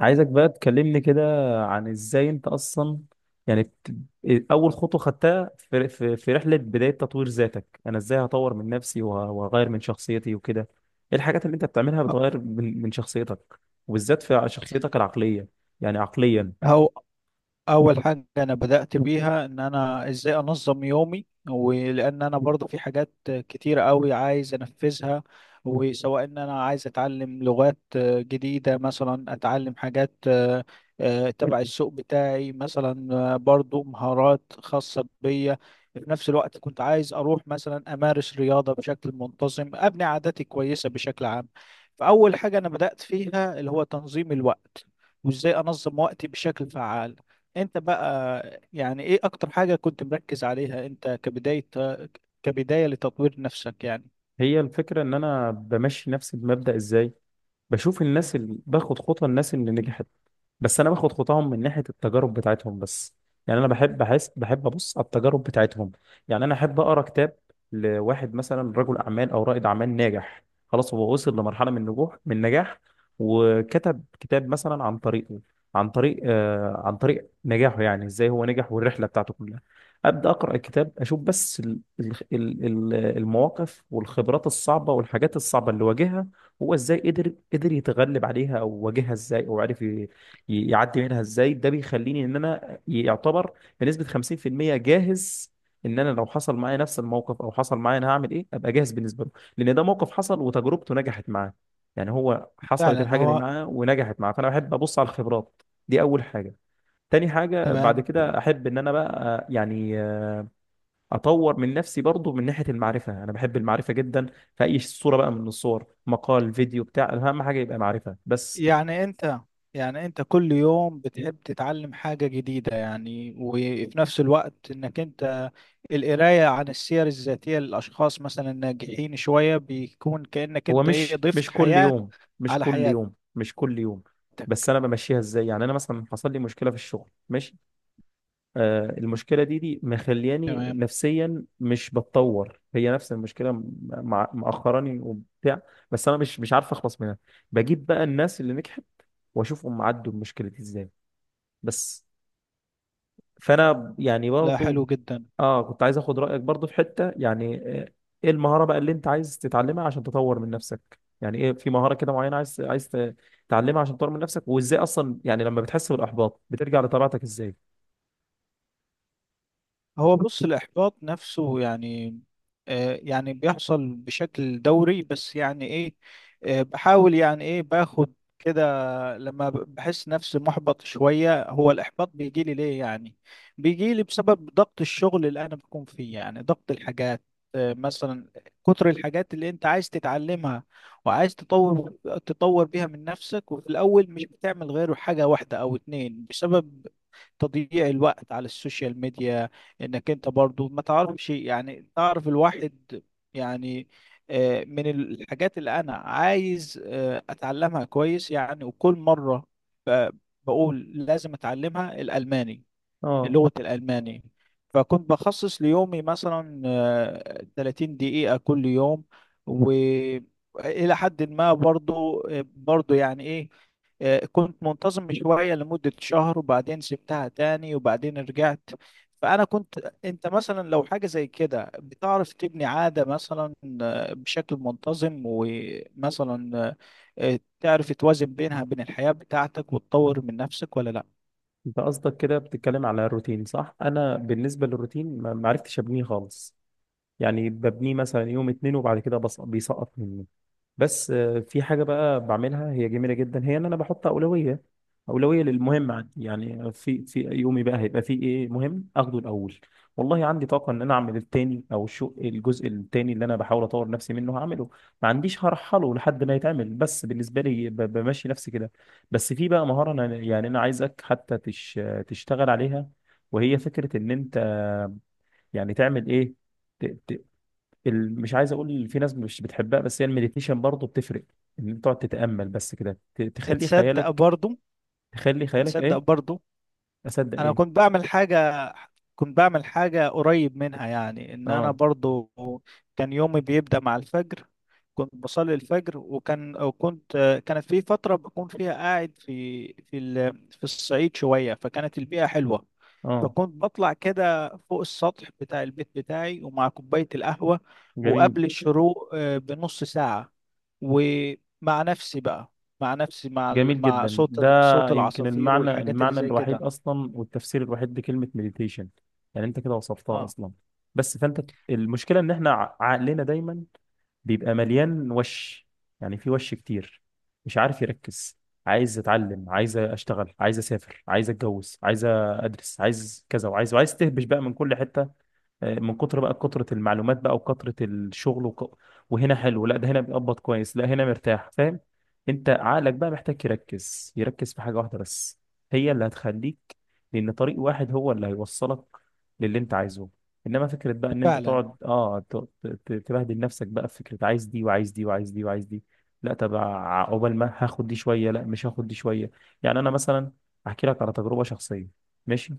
عايزك بقى تكلمني كده عن ازاي انت اصلا، يعني اول خطوه خدتها في رحله بدايه تطوير ذاتك. انا ازاي هطور من نفسي وهغير من شخصيتي وكده؟ ايه الحاجات اللي انت بتعملها بتغير من شخصيتك، وبالذات في شخصيتك العقليه، يعني عقليا؟ هو اول حاجه انا بدات بيها ان انا ازاي انظم يومي، ولان انا برضه في حاجات كتيره قوي عايز انفذها. وسواء ان انا عايز اتعلم لغات جديده، مثلا اتعلم حاجات تبع السوق بتاعي، مثلا برضه مهارات خاصه بيا. في نفس الوقت كنت عايز اروح مثلا امارس رياضه بشكل منتظم، ابني عاداتي كويسه بشكل عام. فاول حاجه انا بدات فيها اللي هو تنظيم الوقت وازاي انظم وقتي بشكل فعال. انت بقى يعني ايه اكتر حاجة كنت مركز عليها انت كبداية، كبداية لتطوير نفسك يعني؟ هي الفكره ان انا بمشي نفسي بمبدا ازاي. بشوف الناس اللي باخد خطوه، الناس اللي نجحت، بس انا باخد خطاهم من ناحيه التجارب بتاعتهم بس. يعني انا بحب ابص على التجارب بتاعتهم. يعني انا احب اقرا كتاب لواحد مثلا رجل اعمال او رائد اعمال ناجح، خلاص هو وصل لمرحله من النجاح، وكتب كتاب مثلا عن طريقه عن طريق آه عن طريق نجاحه. يعني ازاي هو نجح والرحله بتاعته كلها. ابدا اقرا الكتاب، اشوف بس المواقف والخبرات الصعبه والحاجات الصعبه اللي واجهها، هو ازاي قدر يتغلب عليها او واجهها ازاي او عرف يعدي منها ازاي. ده بيخليني ان انا يعتبر بنسبة 50% جاهز. ان انا لو حصل معايا نفس الموقف او حصل معايا، انا هعمل ايه؟ ابقى جاهز بالنسبة له، لان ده موقف حصل وتجربته نجحت معاه. يعني هو حصلت فعلا. الحاجة دي هو معاه ونجحت معاه، فانا بحب ابص على الخبرات. دي اول حاجة. تاني حاجة بعد تمام. كده، احب ان انا بقى يعني اطور من نفسي برضو من ناحية المعرفة. انا بحب المعرفة جدا في اي صورة بقى من الصور، مقال، فيديو، بتاع، اهم حاجة يبقى معرفة بس. يعني انت، يعني انت كل يوم بتحب تتعلم حاجة جديدة يعني، وفي نفس الوقت انك انت القراية عن السير الذاتية للاشخاص مثلا الناجحين شوية بيكون كأنك هو انت ايه مش ضفت كل حياة يوم، مش على كل حياتك. يوم، مش كل يوم. بس انا بمشيها ازاي. يعني انا مثلا حصل لي مشكله في الشغل، ماشي، المشكله دي مخلياني تمام. نفسيا مش بتطور، هي نفس المشكله مع، مأخراني وبتاع. بس انا مش عارف اخلص منها. بجيب بقى الناس اللي نجحت واشوفهم عدوا المشكله دي ازاي بس. فانا يعني لا برضو، حلو جدا. اه كنت عايز اخد رايك برضو في حته يعني. آه، ايه المهاره بقى اللي انت عايز تتعلمها عشان تطور من نفسك؟ يعني ايه، في مهاره كده معينه عايز تتعلمها عشان تطور من نفسك؟ وازاي اصلا يعني لما بتحس بالاحباط بترجع لطبيعتك ازاي؟ هو بص الإحباط نفسه يعني آه، يعني بيحصل بشكل دوري، بس يعني إيه آه، بحاول يعني إيه باخد كده. لما بحس نفسي محبط شوية، هو الإحباط بيجي لي ليه يعني؟ بيجي لي بسبب ضغط الشغل اللي أنا بكون فيه، يعني ضغط الحاجات مثلا، كتر الحاجات اللي أنت عايز تتعلمها وعايز تطور بيها من نفسك، وفي الأول مش بتعمل غير حاجة واحدة أو اتنين بسبب تضييع الوقت على السوشيال ميديا. انك انت برضو ما تعرفش، يعني تعرف الواحد يعني، من الحاجات اللي انا عايز اتعلمها كويس يعني. وكل مرة ب- بقول لازم اتعلمها الالماني، اه، لغة الألماني. فكنت بخصص ليومي مثلا 30 دقيقة كل يوم. وإلى حد ما برضو يعني إيه كنت منتظم شوية لمدة شهر، وبعدين سبتها تاني وبعدين رجعت. فأنا كنت، أنت مثلا لو حاجة زي كده بتعرف تبني عادة مثلا بشكل منتظم، ومثلا تعرف توازن بينها، بين الحياة بتاعتك وتطور من نفسك، ولا لأ؟ انت قصدك كده بتتكلم على الروتين، صح؟ انا بالنسبه للروتين ما عرفتش ابنيه خالص. يعني ببنيه مثلا يوم اتنين وبعد كده بيسقط مني. بس في حاجة بقى بعملها هي جميلة جدا، هي ان انا بحط أولوية، أولوية للمهم عندي. يعني في يومي بقى هيبقى فيه ايه مهم اخده الأول. والله عندي طاقة ان انا اعمل التاني، او الجزء التاني اللي انا بحاول اطور نفسي منه هعمله، ما عنديش. هرحله لحد ما يتعمل، بس بالنسبة لي بمشي نفسي كده. بس في بقى مهارة، انا يعني انا عايزك حتى تشتغل عليها، وهي فكرة ان انت يعني تعمل ايه، مش عايز اقول في ناس مش بتحبها، بس هي المديتيشن برضه بتفرق، ان انت تقعد تتامل بس كده، تخلي تصدق خيالك. برضو، تخلي خيالك تصدق ايه؟ برضو، اصدق انا ايه؟ كنت بعمل حاجة، كنت بعمل حاجة قريب منها يعني ان انا اه. برضو كان يومي بيبدأ مع الفجر. كنت بصلي الفجر، وكان وكنت، كانت في فترة بكون فيها قاعد في الصعيد شوية، فكانت البيئة حلوة. اه. فكنت بطلع كده فوق السطح بتاع البيت بتاعي، ومع كوباية القهوة جميل. وقبل الشروق بنص ساعة. ومع نفسي بقى، مع نفسي، جميل مع جدا صوت ده. صوت يمكن العصافير المعنى والحاجات اللي المعنى زي الوحيد كده. اصلا والتفسير الوحيد لكلمه مديتيشن، يعني انت كده وصفتها اه اصلا. بس فانت، المشكله ان احنا عقلنا دايما بيبقى مليان وش، يعني في وش كتير مش عارف يركز. عايز اتعلم، عايز اشتغل، عايز اسافر، عايز اتجوز، عايز ادرس، عايز كذا، وعايز تهبش بقى من كل حتة. من كتر بقى كترة المعلومات بقى وكترة الشغل، وك... وهنا حلو، لا ده هنا بيقبض كويس، لا هنا مرتاح، فاهم. انت عقلك بقى محتاج يركز في حاجة واحدة بس، هي اللي هتخليك، لان طريق واحد هو اللي هيوصلك للي انت عايزه. انما فكرة بقى ان انت فعلا. تقعد تبهدل نفسك بقى في فكرة عايز دي وعايز دي وعايز دي وعايز دي. لا، طب عقبال ما هاخد دي شوية، لا مش هاخد دي شوية. يعني انا مثلا احكي لك على تجربة شخصية، ماشي؟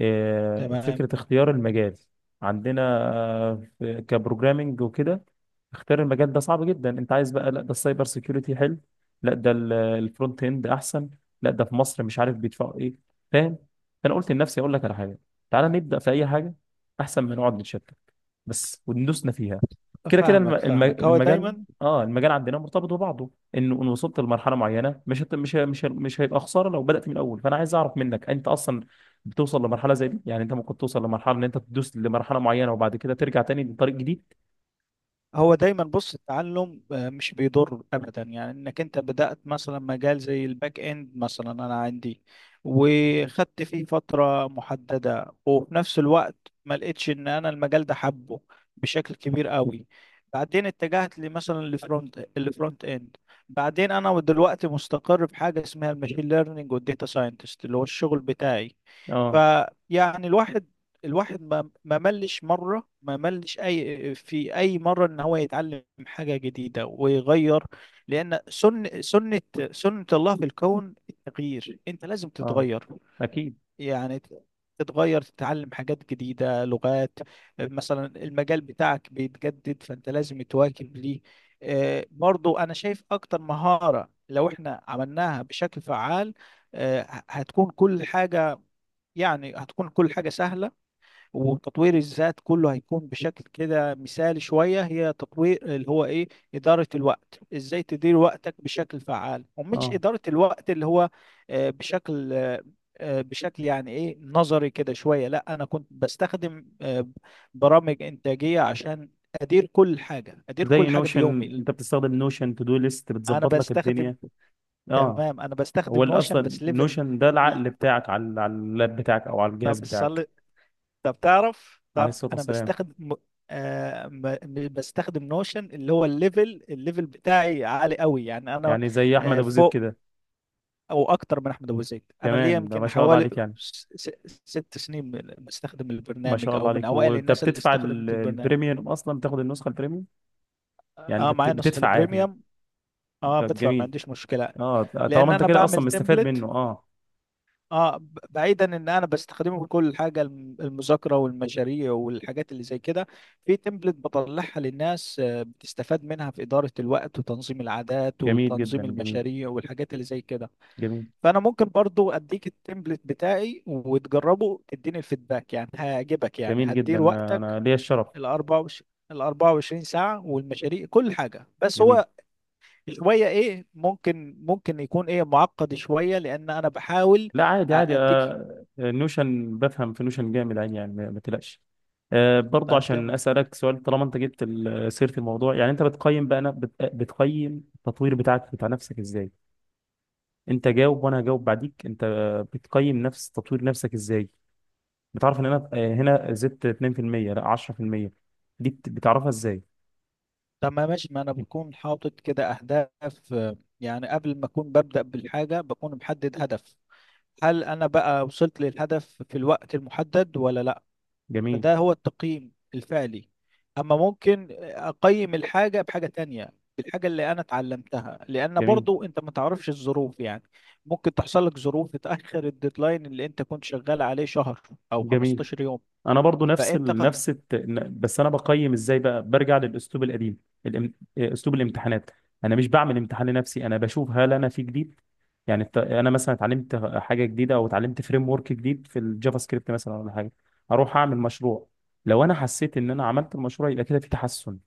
تمام. فكرة اختيار المجال عندنا، كبروجرامينج وكده. اختيار المجال ده صعب جدا. انت عايز بقى، لا ده السايبر سيكيورتي حلو، لا ده الفرونت اند احسن، لا ده في مصر مش عارف بيدفعوا ايه، فاهم. فانا قلت لنفسي اقول لك على حاجه، تعالى نبدا في اي حاجه، احسن ما نقعد نتشتت بس، وندوسنا فيها. كده كده فاهمك فاهمك هو المجال. دايما. اه، المجال عندنا مرتبط ببعضه، انه ان وصلت لمرحله معينه مش هت- مش ه- مش ه- مش هيبقى خساره لو بدات من الاول. فانا عايز اعرف منك انت اصلا بتوصل لمرحله زي دي؟ يعني انت ممكن توصل لمرحله ان انت تدوس لمرحله معينه وبعد كده ترجع تاني لطريق جديد؟ هو دايما بص التعلم مش بيضر ابدا، يعني انك انت بدأت مثلا مجال زي الباك اند مثلا، انا عندي وخدت فيه فترة محددة، وفي نفس الوقت ما لقيتش ان انا المجال ده حبه بشكل كبير قوي. بعدين اتجهت لمثلا الفرونت اند. بعدين انا دلوقتي مستقر في حاجة اسمها الماشين ليرنينج والديتا ساينتست اللي هو الشغل بتاعي. اه. فيعني الواحد، الواحد ما ملش أي في أي مرة إن هو يتعلم حاجة جديدة ويغير. لأن سن سنة سنة الله في الكون التغيير، أنت لازم اه. تتغير. اكيد. يعني تتغير، تتعلم حاجات جديدة، لغات مثلا. المجال بتاعك بيتجدد، فأنت لازم تواكب ليه. برضو أنا شايف أكتر مهارة لو إحنا عملناها بشكل فعال آه، هتكون كل حاجة، يعني هتكون كل حاجة سهلة، وتطوير الذات كله هيكون بشكل كده مثالي شوية. هي تطوير اللي هو إيه؟ إدارة الوقت، إزاي تدير وقتك بشكل فعال. ومش اه. إدارة الوقت اللي هو آه، بشكل آه، آه، بشكل يعني إيه نظري كده شوية. لا أنا كنت بستخدم برامج إنتاجية عشان أدير كل حاجة، أدير كل زي حاجة في نوشن، يومي. انت بتستخدم نوشن؟ تو دو ليست أنا بتظبط لك بستخدم، الدنيا. اه. تمام أنا هو بستخدم اللي نوشن اصلا بس ليفل. نوشن ده العقل بتاعك على اللاب بتاعك او على الجهاز طب بتاعك. صلي. طب تعرف، عليه تعرف الصلاه انا والسلام. بستخدم بستخدم نوشن اللي هو الليفل بتاعي عالي قوي، يعني انا يعني زي احمد آه ابو زيد فوق كده. او اكتر من احمد ابو زيد. انا ليا كمان ده، ما يمكن شاء الله حوالي عليك يعني. ست سنين بستخدم ما البرنامج، شاء الله او من عليك، اوائل وانت الناس اللي بتدفع استخدمت البرنامج. البريميوم اصلا، بتاخد النسخه البريميوم؟ يعني انت اه معايا نسخة بتدفع عادي؟ البريميوم. اه ده بدفع، ما جميل. عنديش مشكلة. اه، طالما لان انت انا كده بعمل اصلا مستفاد تمبلت. منه، اه. اه بعيدا ان انا بستخدمه في كل حاجه، المذاكره والمشاريع والحاجات اللي زي كده، في تمبلت بطلعها للناس بتستفاد منها في اداره الوقت وتنظيم العادات جميل جدا. وتنظيم جميل. المشاريع والحاجات اللي زي كده. جميل. فانا ممكن برضو اديك التمبلت بتاعي وتجربه تديني الفيدباك، يعني هيعجبك، يعني جميل جدا، هتدير وقتك انا ليا الشرف. ال 24 ساعه والمشاريع كل حاجه. بس جميل. هو شويه ايه ممكن، ممكن يكون ايه معقد شويه لان انا بحاول لا، عادي، عادي. اديك. نوشن بفهم في نوشن جامد عادي، يعني ما تقلقش. برضه طيب عشان تمام. اسالك سؤال، طالما انت جبت سيره الموضوع، يعني انت بتقيم بقى، بتقيم التطوير بتاعك بتاع نفسك ازاي؟ انت جاوب وانا هجاوب بعديك. انت بتقيم نفس تطوير نفسك ازاي؟ بتعرف ان انا هنا زدت 2%، لا 10%، دي بتعرفها ازاي؟ طب ما ماشي، ما انا بكون حاطط كده اهداف يعني قبل ما اكون ببدأ بالحاجة بكون محدد هدف. هل انا بقى وصلت للهدف في الوقت المحدد ولا لا؟ جميل. فده هو التقييم الفعلي. اما ممكن اقيم الحاجة بحاجة تانية، بالحاجة اللي انا اتعلمتها، لان جميل. برضو انت ما تعرفش الظروف، يعني ممكن تحصل لك ظروف تتأخر الديدلاين اللي انت كنت شغال عليه شهر او جميل. 15 يوم. انا برضو نفس فانت ال... ق- نفس الت... ن- بس انا بقيم ازاي بقى، برجع للاسلوب القديم، الام... إيه، اسلوب الامتحانات. انا مش بعمل امتحان لنفسي، انا بشوف هل انا في جديد. يعني انا مثلا اتعلمت حاجه جديده، او اتعلمت فريم ورك جديد في الجافا سكريبت مثلا، ولا حاجه، اروح اعمل مشروع. لو انا حسيت ان انا عملت المشروع يبقى كده في تحسن.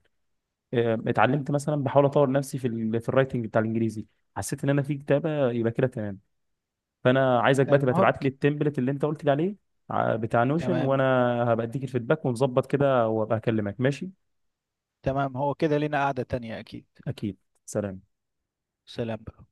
اتعلمت مثلا، بحاول اطور نفسي في الرايتنج بتاع الانجليزي. حسيت ان انا في كتابه يبقى كده تمام. فانا عايزك بقى تبقى المهم تبعت لي ك- التمبلت اللي انت قلت لي عليه، بتاع نوشن، تمام، وانا هبقى اديك الفيدباك ونظبط كده، وابقى اكلمك، ماشي؟ تمام. هو كده لينا قعدة تانية اكيد. اكيد. سلام. سلام بقى.